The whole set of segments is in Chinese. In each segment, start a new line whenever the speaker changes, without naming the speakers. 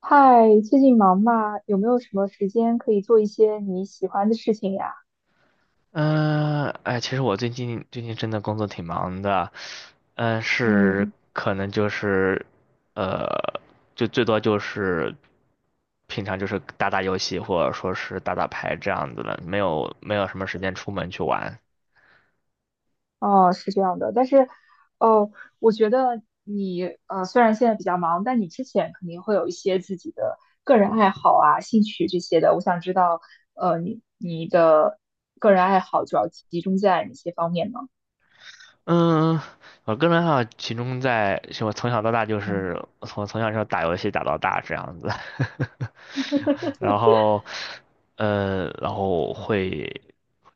嗨，最近忙吗？有没有什么时间可以做一些你喜欢的事情呀？
嗯，哎，其实我最近真的工作挺忙的，嗯，是。
嗯。
可能就是，呃，就最多就是平常就是打打游戏或者说是打打牌这样子的，没有什么时间出门去玩。
哦，是这样的，但是，哦，我觉得你虽然现在比较忙，但你之前肯定会有一些自己的个人爱好啊、兴趣这些的。我想知道，你的个人爱好主要集中在哪些方面呢？
嗯，我个人爱好集中在，是我从小到大，就
嗯
是我从小就打游戏打到大这样子，然后，然后会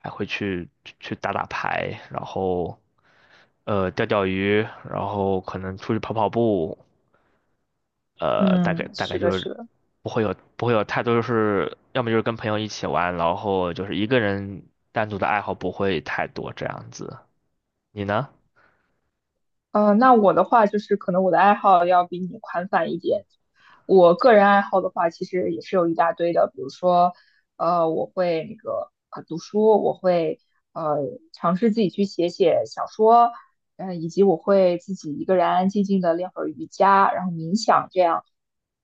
还会去去打打牌，然后钓钓鱼，然后可能出去跑跑步，大概
嗯，
大概
是的，
就是
是的。
不会有太多，就是要么就是跟朋友一起玩，然后就是一个人单独的爱好不会太多这样子。你呢？
那我的话就是可能我的爱好要比你宽泛一点。我个人爱好的话，其实也是有一大堆的，比如说，我会那个读书，我会呃尝试自己去写写小说，以及我会自己一个人安安静静的练会儿瑜伽，然后冥想这样。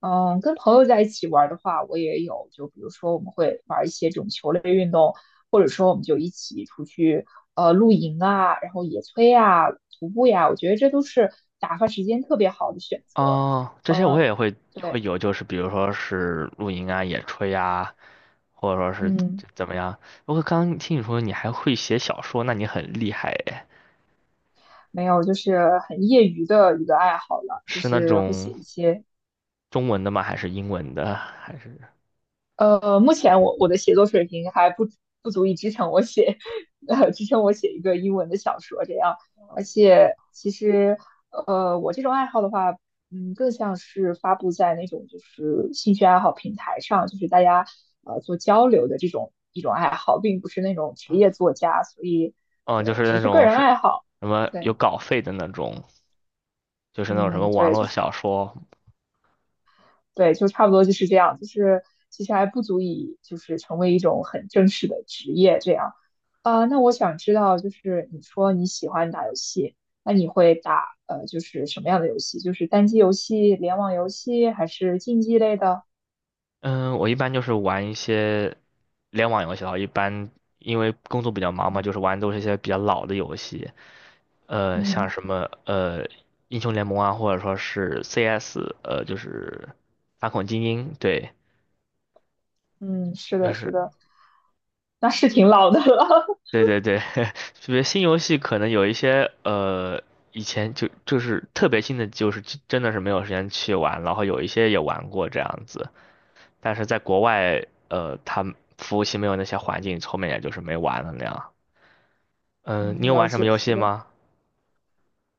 跟朋友在一起玩儿的话，我也有，就比如说我们会玩儿一些这种球类运动，或者说我们就一起出去露营啊，然后野炊啊、徒步呀，我觉得这都是打发时间特别好的选择。
哦，这些我
呃，
也会会
对。
有，就是比如说是露营啊、野炊啊，或者说是
嗯，
怎么样。不过刚刚听你说你还会写小说，那你很厉害诶，
没有，就是很业余的一个爱好了，就
是那
是会写
种
一些
中文的吗？还是英文的？还是
目前我的写作水平还不足以支撑我写，支撑我写一个英文的小说这样。而且其实，我这种爱好的话，更像是发布在那种就是兴趣爱好平台上，就是大家做交流的这种一种爱好，并不是那种职业作家，所以
嗯，就
对，
是
只
那
是个
种
人
是
爱好。
什么有
对。
稿费的那种，就是那种什么
嗯，
网
对，就
络
是
小说。
对，就差不多就是这样，就是其实还不足以就是成为一种很正式的职业这样。啊，那我想知道，就是你说你喜欢打游戏，那你会打就是什么样的游戏？就是单机游戏、联网游戏，还是竞技类的？
嗯，我一般就是玩一些联网游戏的话，一般因为工作比较忙嘛，就
嗯
是玩都是一些比较老的游戏。像
嗯
什么英雄联盟啊，或者说是 CS,就是反恐精英，对，
嗯，是
就
的，是
是
的，那是挺老的了。
对对对，特别新游戏可能有一些以前就是特别新的，就是真的是没有时间去玩，然后有一些也玩过这样子，但是在国外它服务器没有那些环境，后面也就是没玩了那样。嗯、你
嗯，
有
了
玩什么
解，
游
是
戏
的。
吗？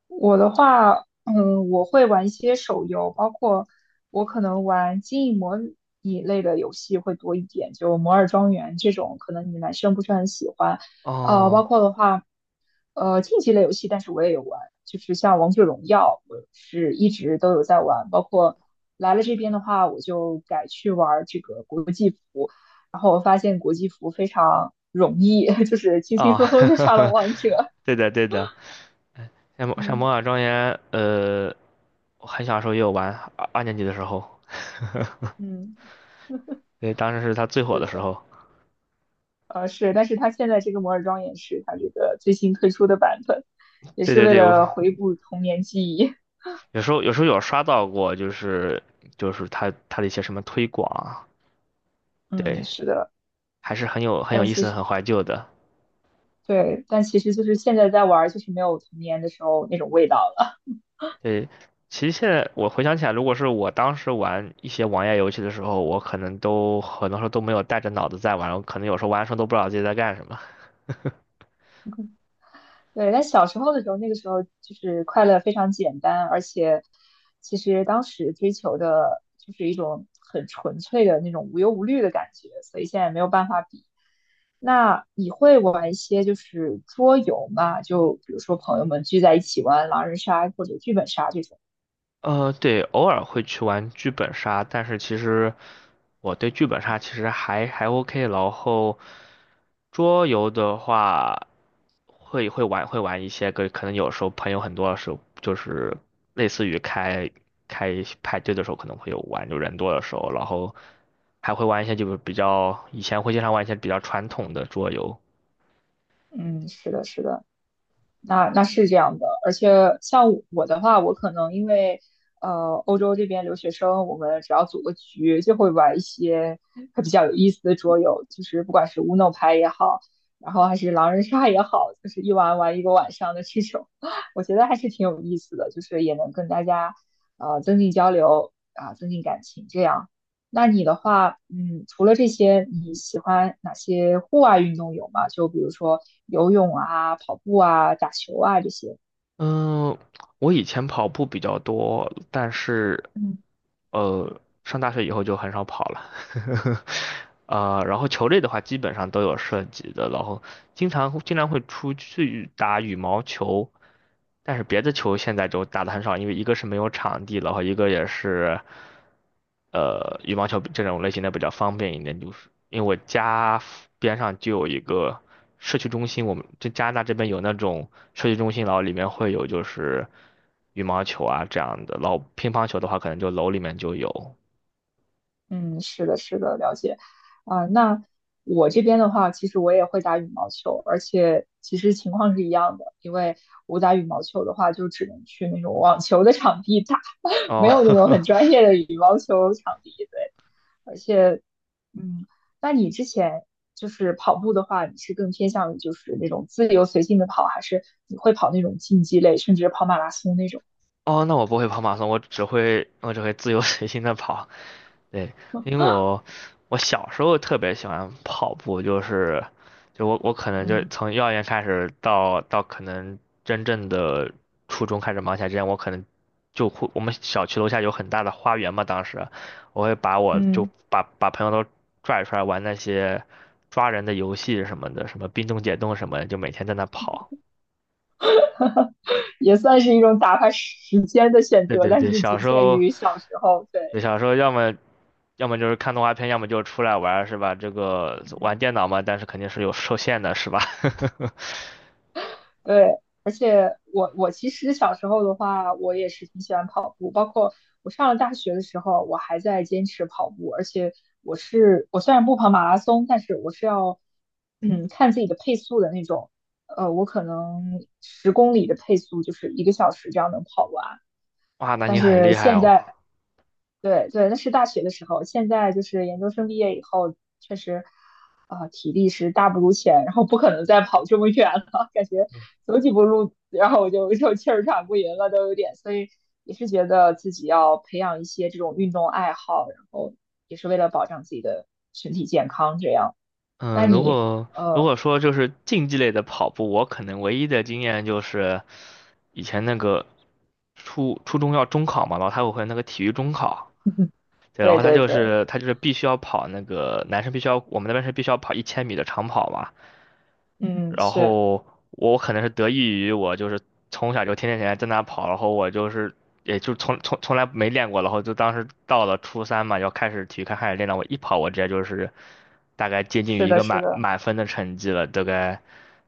我的话，我会玩一些手游，包括我可能玩经营模拟类的游戏会多一点，就《摩尔庄园》这种，可能你们男生不是很喜欢。包
哦
括的话。竞技类游戏，但是我也有玩，就是像王者荣耀，我是一直都有在玩，包括来了这边的话，我就改去玩这个国际服，然后我发现国际服非常容易，就是轻轻
哦，
松松就上了王者。
对的对的，像
嗯
《魔法庄园》。我很小时候也有玩，二年级的时候，
嗯，
对，当时是它最火
是
的时
的，
候。
是，但是它现在这个摩尔庄园是它这个最新推出的版本，也
对
是
对
为
对，我
了回顾童年记忆。
有时候有刷到过，就是就是它的一些什么推广啊，
嗯，
对，
是的，
还是很有
但
意
其
思、
实
很怀旧的。
对，但其实就是现在在玩，就是没有童年的时候那种味道了。
对，其实现在我回想起来，如果是我当时玩一些网页游戏的时候，我可能都很多时候都没有带着脑子在玩，我可能有时候玩的时候都不知道自己在干什么。
对，但小时候的时候，那个时候就是快乐非常简单，而且其实当时追求的就是一种很纯粹的那种无忧无虑的感觉，所以现在没有办法比。那你会玩一些就是桌游吗？就比如说朋友们聚在一起玩狼人杀或者剧本杀这种。
对，偶尔会去玩剧本杀，但是其实我对剧本杀其实还还 OK。然后桌游的话，会玩一些个，可能有时候朋友很多的时候，就是类似于开开派对的时候可能会有玩，就人多的时候，然后还会玩一些就是比较以前会经常玩一些比较传统的桌游。
嗯，是的，是的。那是这样的，而且像我的话，我可能因为欧洲这边留学生，我们只要组个局，就会玩一些还比较有意思的桌游，就是不管是 Uno 牌也好，然后还是狼人杀也好，就是一玩玩一个晚上的这种，我觉得还是挺有意思的，就是也能跟大家增进交流啊，增进感情这样。那你的话，除了这些，你喜欢哪些户外运动有吗？就比如说。游泳啊、跑步啊、打球啊这些。
嗯，我以前跑步比较多，但是，
嗯
上大学以后就很少跑了。然后球类的话，基本上都有涉及的，然后经常会出去打羽毛球，但是别的球现在就打的很少，因为一个是没有场地了，和一个也是，羽毛球这种类型的比较方便一点，就是因为我家附边上就有一个社区中心，我们这加拿大这边有那种社区中心，然后里面会有就是羽毛球啊这样的，然后乒乓球的话可能就楼里面就有。
嗯，是的，是的，了解。啊、那我这边的话，其实我也会打羽毛球，而且其实情况是一样的，因为我打羽毛球的话，就只能去那种网球的场地打，
哦，
没有那种很专业的羽毛球场地。对，而且，嗯，那你之前就是跑步的话，你是更偏向于就是那种自由随性的跑，还是你会跑那种竞技类，甚至跑马拉松那种
哦，那我不会跑马拉松，我只会自由随心的跑。对，
吗？
因为我小时候特别喜欢跑步，就是就我可能就是
嗯
从幼儿园开始到到可能真正的初中开始忙起来之前，我可能就会，我们小区楼下有很大的花园嘛，当时我会把我就
嗯，
把朋友都拽出来玩那些抓人的游戏什么的，什么冰冻解冻什么的，就每天在那跑。
也算是一种打发时间的选
对
择，
对
但
对，
是
小
仅
时
限
候，
于小时候。对，
对小时候要么要么就是看动画片，要么就出来玩儿是吧？这个玩
嗯
电脑嘛，但是肯定是有受限的，是吧？
对，而且我其实小时候的话，我也是挺喜欢跑步，包括我上了大学的时候，我还在坚持跑步，而且我虽然不跑马拉松，但是我是要看自己的配速的那种，我可能10公里的配速就是一个小时这样能跑完，
哇，那
但
你很
是
厉害
现
哦。
在对对，那是大学的时候，现在就是研究生毕业以后，确实，啊、体力是大不如前，然后不可能再跑这么远了，感觉走几步路，然后我就气儿喘不匀了，都有点，所以也是觉得自己要培养一些这种运动爱好，然后也是为了保障自己的身体健康，这样。那
嗯，如
你，
果如
呃，
果说就是竞技类的跑步，我可能唯一的经验就是以前那个初中要中考嘛，然后他会有那个体育中考，对，然
对
后他
对
就
对，
是他就是必须要跑那个男生必须要，我们那边是必须要跑一千米的长跑嘛，
嗯，
然
是
后我可能是得益于我就是从小就天天在那跑，然后我就是也就从来没练过，然后就当时到了初三嘛，要开始体育课开始练了，我一跑我直接就是大概接近于
是
一
的，
个
是
满
的，
满分的成绩了，大概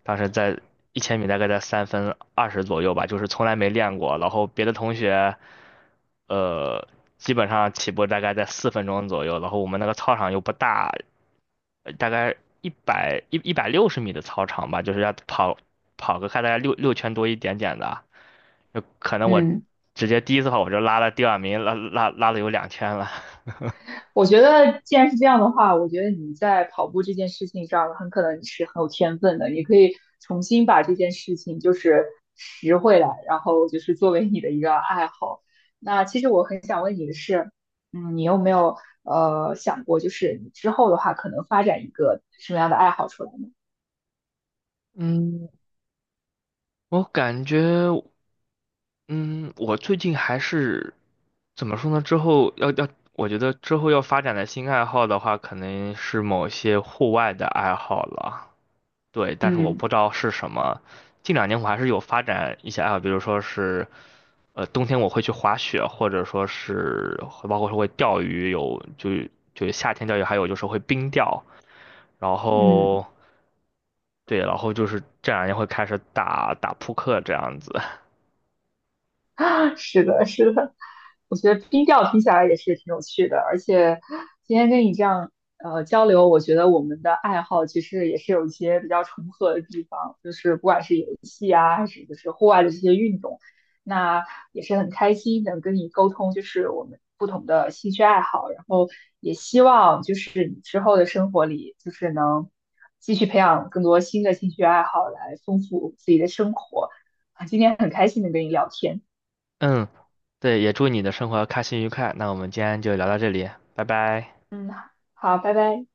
当时在一千米大概在3分20左右吧，就是从来没练过，然后别的同学呃基本上起步大概在4分钟左右，然后我们那个操场又不大，大概160米的操场吧，就是要跑跑个看大概六圈多一点点的，就可能我
嗯。
直接第一次跑我就拉了第二名，拉了有2圈了。
我觉得，既然是这样的话，我觉得你在跑步这件事情上，很可能你是很有天分的。你可以重新把这件事情就是拾回来，然后就是作为你的一个爱好。那其实我很想问你的是，嗯，你有没有想过，就是你之后的话，可能发展一个什么样的爱好出来呢？
嗯，我感觉，嗯，我最近还是怎么说呢？之后要要，我觉得之后要发展的新爱好的话，可能是某些户外的爱好了。对，但是我
嗯
不知道是什么。近两年我还是有发展一些爱好，比如说是，冬天我会去滑雪，或者说是会包括说会钓鱼，有就就夏天钓鱼，还有就是会冰钓。然
嗯。
后对，然后就是这两年会开始打打扑克这样子。
是的，是的，我觉得冰钓听起来也是挺有趣的，而且今天跟你这样交流，我觉得我们的爱好其实也是有一些比较重合的地方，就是不管是游戏啊，还是就是户外的这些运动，那也是很开心能跟你沟通，就是我们不同的兴趣爱好，然后也希望就是你之后的生活里，就是能继续培养更多新的兴趣爱好，来丰富自己的生活啊。今天很开心能跟你聊天。
嗯，对，也祝你的生活开心愉快。那我们今天就聊到这里，拜拜。
嗯，好，拜拜。